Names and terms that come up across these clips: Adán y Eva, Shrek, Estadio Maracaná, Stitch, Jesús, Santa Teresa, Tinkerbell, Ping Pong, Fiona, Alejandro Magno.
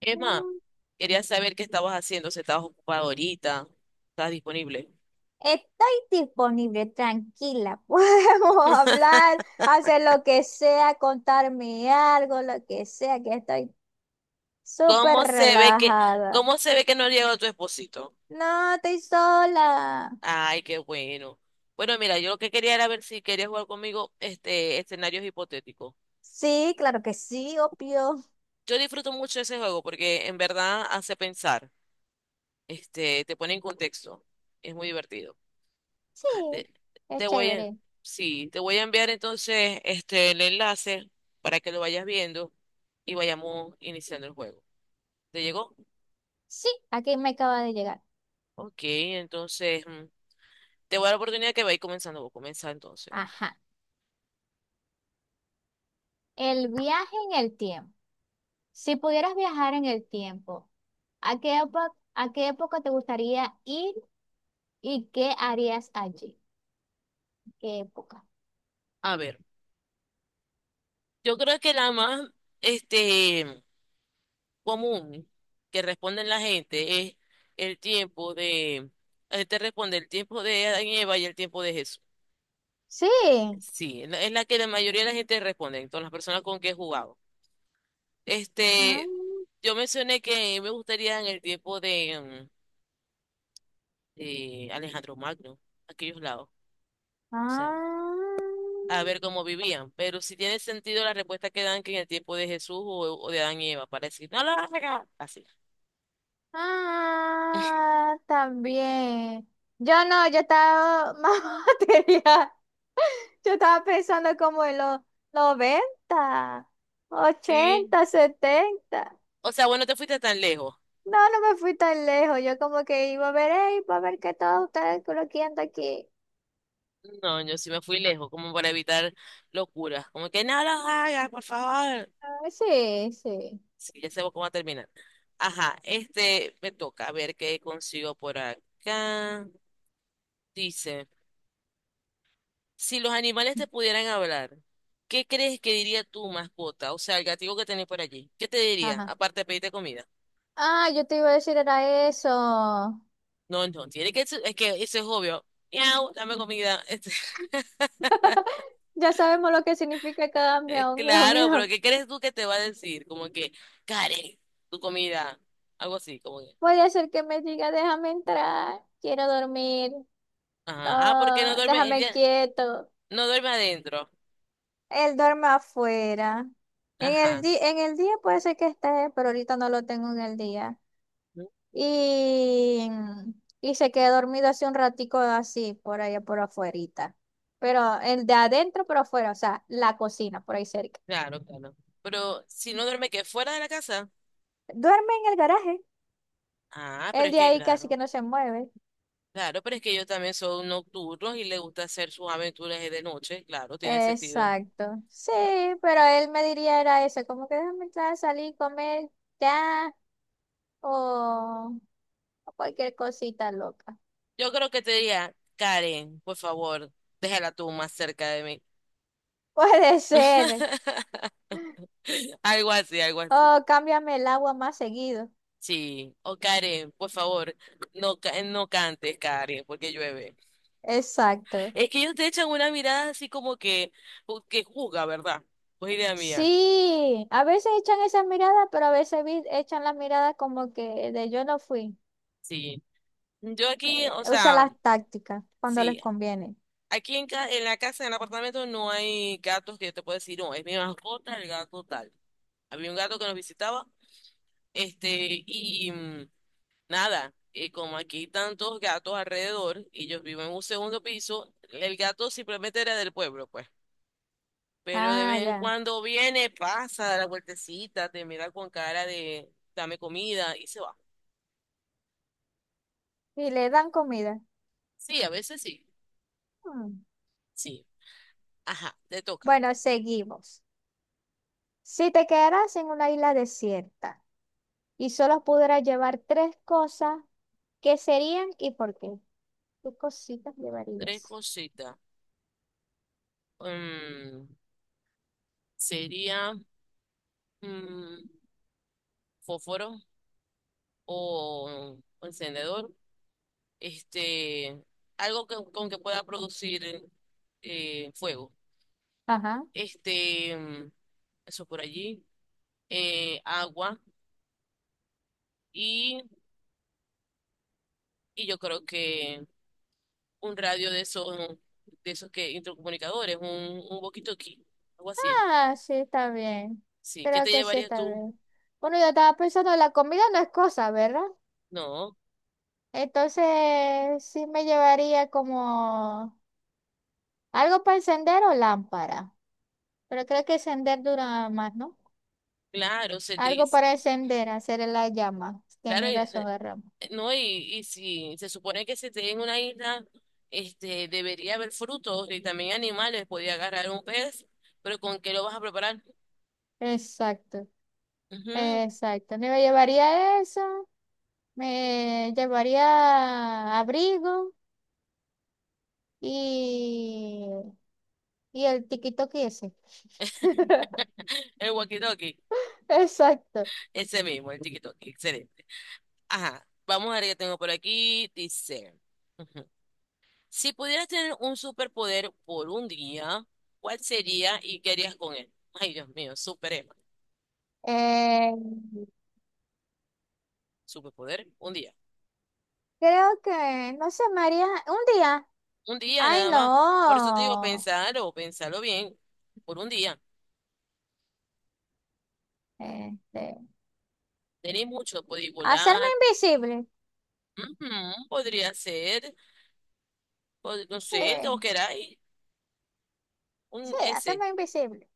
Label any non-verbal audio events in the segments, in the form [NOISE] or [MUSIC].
Emma, Mm. quería saber qué estabas haciendo, si estabas ocupada ahorita, estás disponible. Estoy disponible, tranquila. [LAUGHS] Podemos hablar, hacer lo que sea, contarme algo, lo que sea, que estoy súper ¿Cómo se ve que, relajada. cómo se ve que no llegó tu esposito? No, estoy sola. Ay, qué bueno. Bueno, mira, yo lo que quería era ver si querías jugar conmigo este escenarios hipotéticos. Sí, claro que sí, obvio. Yo disfruto mucho ese juego porque en verdad hace pensar, este, te pone en contexto. Es muy divertido. Sí, Ah, es te voy a, chévere. sí, te voy a enviar entonces este el enlace para que lo vayas viendo y vayamos iniciando el juego. ¿Te llegó? Sí, aquí me acaba de llegar. Ok, entonces te voy a dar la oportunidad que vais comenzando. Voy a comenzar entonces. Ajá. El viaje en el tiempo. Si pudieras viajar en el tiempo, ¿a qué época, a qué época te gustaría ir y qué harías allí? ¿Qué época? A ver, yo creo que la más este, común que responden la gente es el tiempo de. La gente responde el tiempo de Adán y Eva y el tiempo de Jesús. Sí. Sí, es la que la mayoría de la gente responde, entonces las personas con que he jugado. Ah, Este, yo mencioné que me gustaría en el tiempo de Alejandro Magno, aquellos lados. O sea, ah, a ver cómo vivían. Pero si tiene sentido la respuesta que dan, que en el tiempo de Jesús o de Adán y Eva, para decir, no lo hagas, así. ah, también. Yo no, yo estaba [LAUGHS] más material. Yo estaba pensando como en los 90, Sí. 80, 70. O sea, bueno, te fuiste tan lejos. No, no me fui tan lejos. Yo como que iba a ver, "Ey, iba a ver que todos ustedes coloquiando aquí". No, yo sí me fui lejos, como para evitar locuras. Como que no lo hagas, por favor. Ah, sí, sí. Sí, ya sabemos cómo va a terminar. Ajá, este me toca, a ver qué consigo por acá. Dice, si los animales te pudieran hablar, ¿qué crees que diría tu mascota? O sea, el gatito que tenés por allí. ¿Qué te diría? Ajá. Aparte de pedirte comida. Ah, yo te iba a decir era eso. No, no, es que eso es obvio. Miau, dame comida. Este, [LAUGHS] Ya sabemos lo que significa cada miau, miau, claro, pero miau. ¿qué crees tú que te va a decir? Como que, Karen, tu comida. Algo así, como que. Puede ser que me diga, déjame entrar, quiero dormir, Ajá. Ah, porque no no, duerme, déjame ella quieto. no duerme adentro. Él duerme afuera. En el Ajá. En el día puede ser que esté, pero ahorita no lo tengo en el día. ¿No? Y, y se quedó dormido hace un ratico así, por allá por afuerita. Pero el de adentro, pero afuera, o sea, la cocina, por ahí cerca. Claro, claro. Pero si no duerme qué fuera de la casa. Duerme en el garaje. Ah, pero El es de que, ahí casi claro. que no se mueve. Claro, pero es que ellos también son nocturnos y les gusta hacer sus aventuras de noche. Claro, tiene sentido. Exacto. Sí, pero él me diría era eso, como que déjame entrar, salir, comer ya o, o cualquier cosita loca. Yo creo que te diría, Karen, por favor, déjala tú más cerca de mí. [LAUGHS] Puede ser. [LAUGHS] Algo así, algo así. O cámbiame el agua más seguido. Sí. O Karen, por favor, no, no cantes, Karen, porque llueve. Exacto. Es que ellos te echan una mirada así como que, que juzga, ¿verdad? Pues idea mía. Sí, a veces echan esas miradas, pero a veces echan las miradas como que de yo no fui. Sí. Yo aquí, o Usa sea, las tácticas cuando les sí. conviene. Aquí en la casa, en el apartamento, no hay gatos que yo te pueda decir, no, es mi mascota, el gato tal. Había un gato que nos visitaba, este, y, Nada, y como aquí hay tantos gatos alrededor y yo vivo en un segundo piso, el gato simplemente era del pueblo, pues. Pero de Ah, vez en ya. cuando viene, pasa, da la vueltecita, te mira con cara de dame comida y se va. Y le dan comida. Sí, a veces sí. Hmm. Sí. Ajá, te toca. Bueno, seguimos. Si te quedaras en una isla desierta y solo pudieras llevar tres cosas, ¿qué serían y por qué? ¿Qué cositas Tres llevarías? cositas. Mm, sería mm, fósforo o encendedor. Este, con que pueda producir fuego. Ajá. este, mm, eso por allí, agua y, y yo creo que un radio de esos que intercomunicadores, un walkie-talkie, algo así. Ah, sí, está bien. Sí, ¿qué Creo te que sí llevarías está tú? bien. Bueno, yo estaba pensando, la comida no es cosa, ¿verdad? No, Entonces, sí me llevaría como algo para encender o lámpara. Pero creo que encender dura más, ¿no? claro, Cedric, Algo para encender, hacer la llama. claro, Tienes razón, Ramos. No, y si se supone que se te en una isla, este, debería haber frutos y también animales, podía agarrar un pez, pero ¿con qué lo vas a preparar? Exacto, Ujú. exacto. Me llevaría eso. Me llevaría abrigo y, y el tiki-toki ese. [LAUGHS] El walkie-talkie, Exacto. ese mismo, el tiki-talkie, excelente. Ajá, vamos a ver qué tengo por aquí. Dice, ujú, si pudieras tener un superpoder por un día, ¿cuál sería y qué harías con él? Ay, Dios mío, super Emma. Eh, Superpoder, un día. creo que, no sé, María, un día. Un día Ay, nada más. Por eso te digo, no. pensarlo, pensarlo bien, por un día. Este, Tenéis mucho, podéis hacerme volar, invisible. ujú, podría ser, no Sí, sé, el que vos queráis, sí, un ese. hacerme invisible.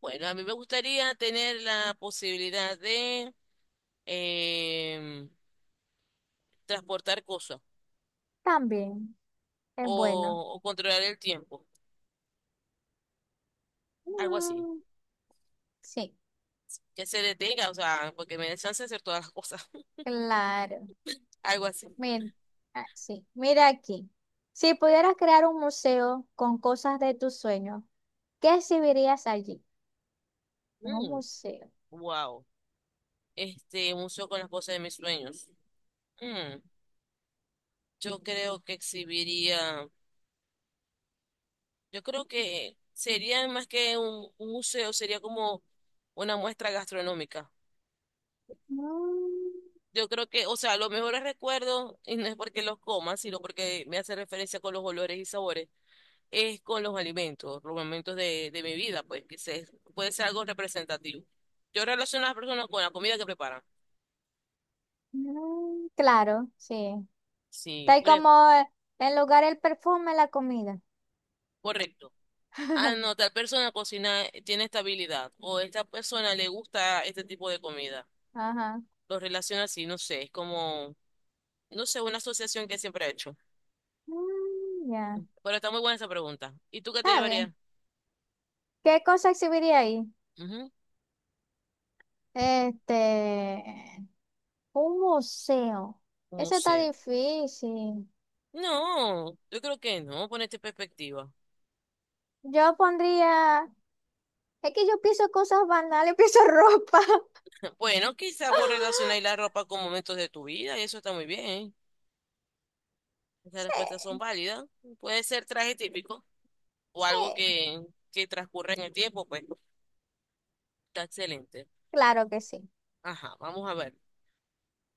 Bueno, a mí me gustaría tener la posibilidad de em, transportar cosas. También es bueno. O controlar el tiempo, algo así. Mm, sí, Que se detenga, o sea, porque me den chance de hacer todas las cosas, claro. [LAUGHS] algo así. Mira, ah, sí, mira aquí. Si pudieras crear un museo con cosas de tus sueños, ¿qué exhibirías allí? En un Mm, museo. wow. Este un museo con las cosas de mis sueños. Mm, yo creo que exhibiría, yo creo que sería más que un museo, sería como una muestra gastronómica. Mm, Yo creo que, o sea, los mejores recuerdos, y no es porque los coma, sino porque me hace referencia con los olores y sabores, es con los alimentos, los momentos de mi vida, pues que se, puede ser algo representativo. Yo relaciono a las personas con la comida que preparan. mm, claro, sí. Está Sí, ahí como en lugar el perfume, la comida. correcto. Ah, no, [LAUGHS] tal persona cocina, tiene esta habilidad, o esta persona le gusta este tipo de comida. Ajá. Lo relaciona así, no sé, es como, no sé, una asociación que siempre he hecho. Mm, ya. Pero está muy buena esa pregunta. ¿Y tú qué te Está llevarías? bien. ¿Qué cosa exhibiría ahí? Ujú. Este, un museo. Un Eso está museo. difícil. No, yo creo que no, ponerte en perspectiva. Yo pondría. Es que yo pienso cosas banales, pienso ropa. Bueno, quizás vos relacionáis la [LAUGHS] ropa con momentos de tu vida y eso está muy bien. Esas respuestas son Sí, válidas. Puede ser traje típico o algo sí, que transcurre en el tiempo, pues está excelente. claro que sí. Ajá, vamos a ver.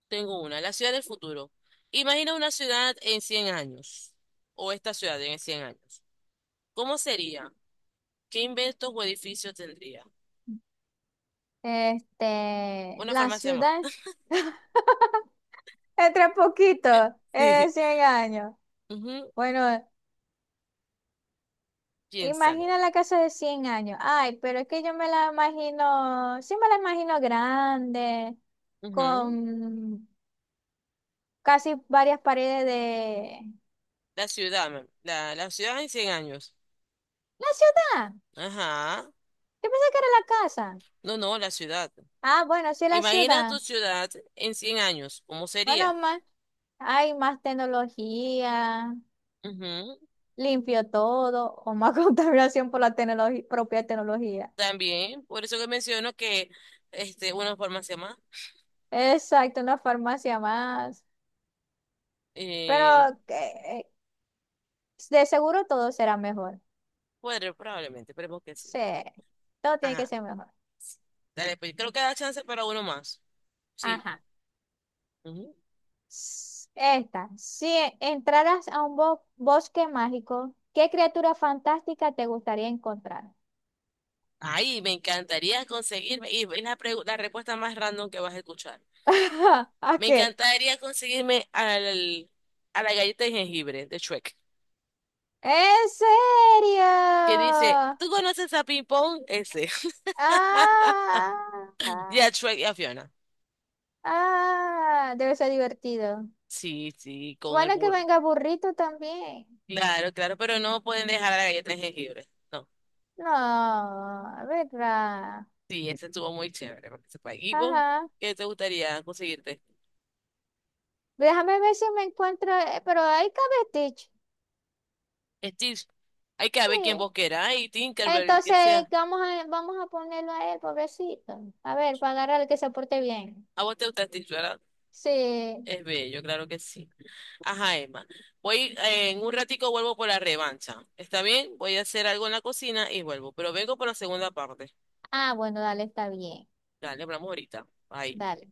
Tengo una, la ciudad del futuro. Imagina una ciudad en 100 años o esta ciudad en 100 años. ¿Cómo sería? ¿Qué inventos o edificios tendría? Este, Una la farmacia más. ciudad, [LAUGHS] [LAUGHS] entre poquito, Sí. es 100 años. Ujú. Bueno, imagina Piénsalo. la casa de 100 años. Ay, pero es que yo me la imagino, sí me la imagino grande, Ujú. con casi varias paredes de... La ciudad, ma'am. La ciudad en 100 años. La ciudad, Ajá. yo pensé que era la casa. No, no, la ciudad. Ah, bueno, sí, la Imagina ciudad. tu ciudad en 100 años, ¿cómo Bueno, sería? más. Hay más tecnología, Ujú. limpio todo, o más [LAUGHS] contaminación por la tecnología propia tecnología. También, por eso que menciono que una forma más llama, Exacto, una farmacia más. Pero eh, que- de seguro todo será mejor. Probablemente, esperemos que sí. Sí, todo tiene que Ajá, ser mejor. dale, pues creo que da chance para uno más. Sí. Ajá. Ujú. Esta, si entraras a un bosque mágico, ¿qué criatura fantástica te gustaría encontrar? Ay, me encantaría conseguirme, y es la respuesta más random que vas a escuchar. [LAUGHS] ¿A Me qué? encantaría conseguirme a la galleta de jengibre de Shrek, ¿En que serio? dice, ¿tú conoces a Ping Pong? Ese. [LAUGHS] Y ¡Ah! a Shrek y a Fiona. Ah, debe ser divertido. Sí, sí, con el Bueno, que burro. venga burrito también. Claro, claro, pero no pueden dejar la galleta de jengibre. No. No, ¿verdad? Sí, ese estuvo muy chévere para que sepa. ¿Y vos Ajá. qué te gustaría conseguirte? Déjame ver si me encuentro, pero ahí cabe Stitch. Stitch. Hay que ver quién Sí. vos queráis, Tinkerbell, que Entonces sea. vamos a, vamos a ponerlo a él, pobrecito. A ver, para agarrarle que se porte bien. A vos te gusta Stitch, ¿verdad? Sí. Es bello, claro que sí. Ajá, Emma. En un ratico vuelvo por la revancha. ¿Está bien? Voy a hacer algo en la cocina y vuelvo. Pero vengo por la segunda parte. Ah, bueno, dale, está bien. Dale, hablamos ahorita. Bye. Dale.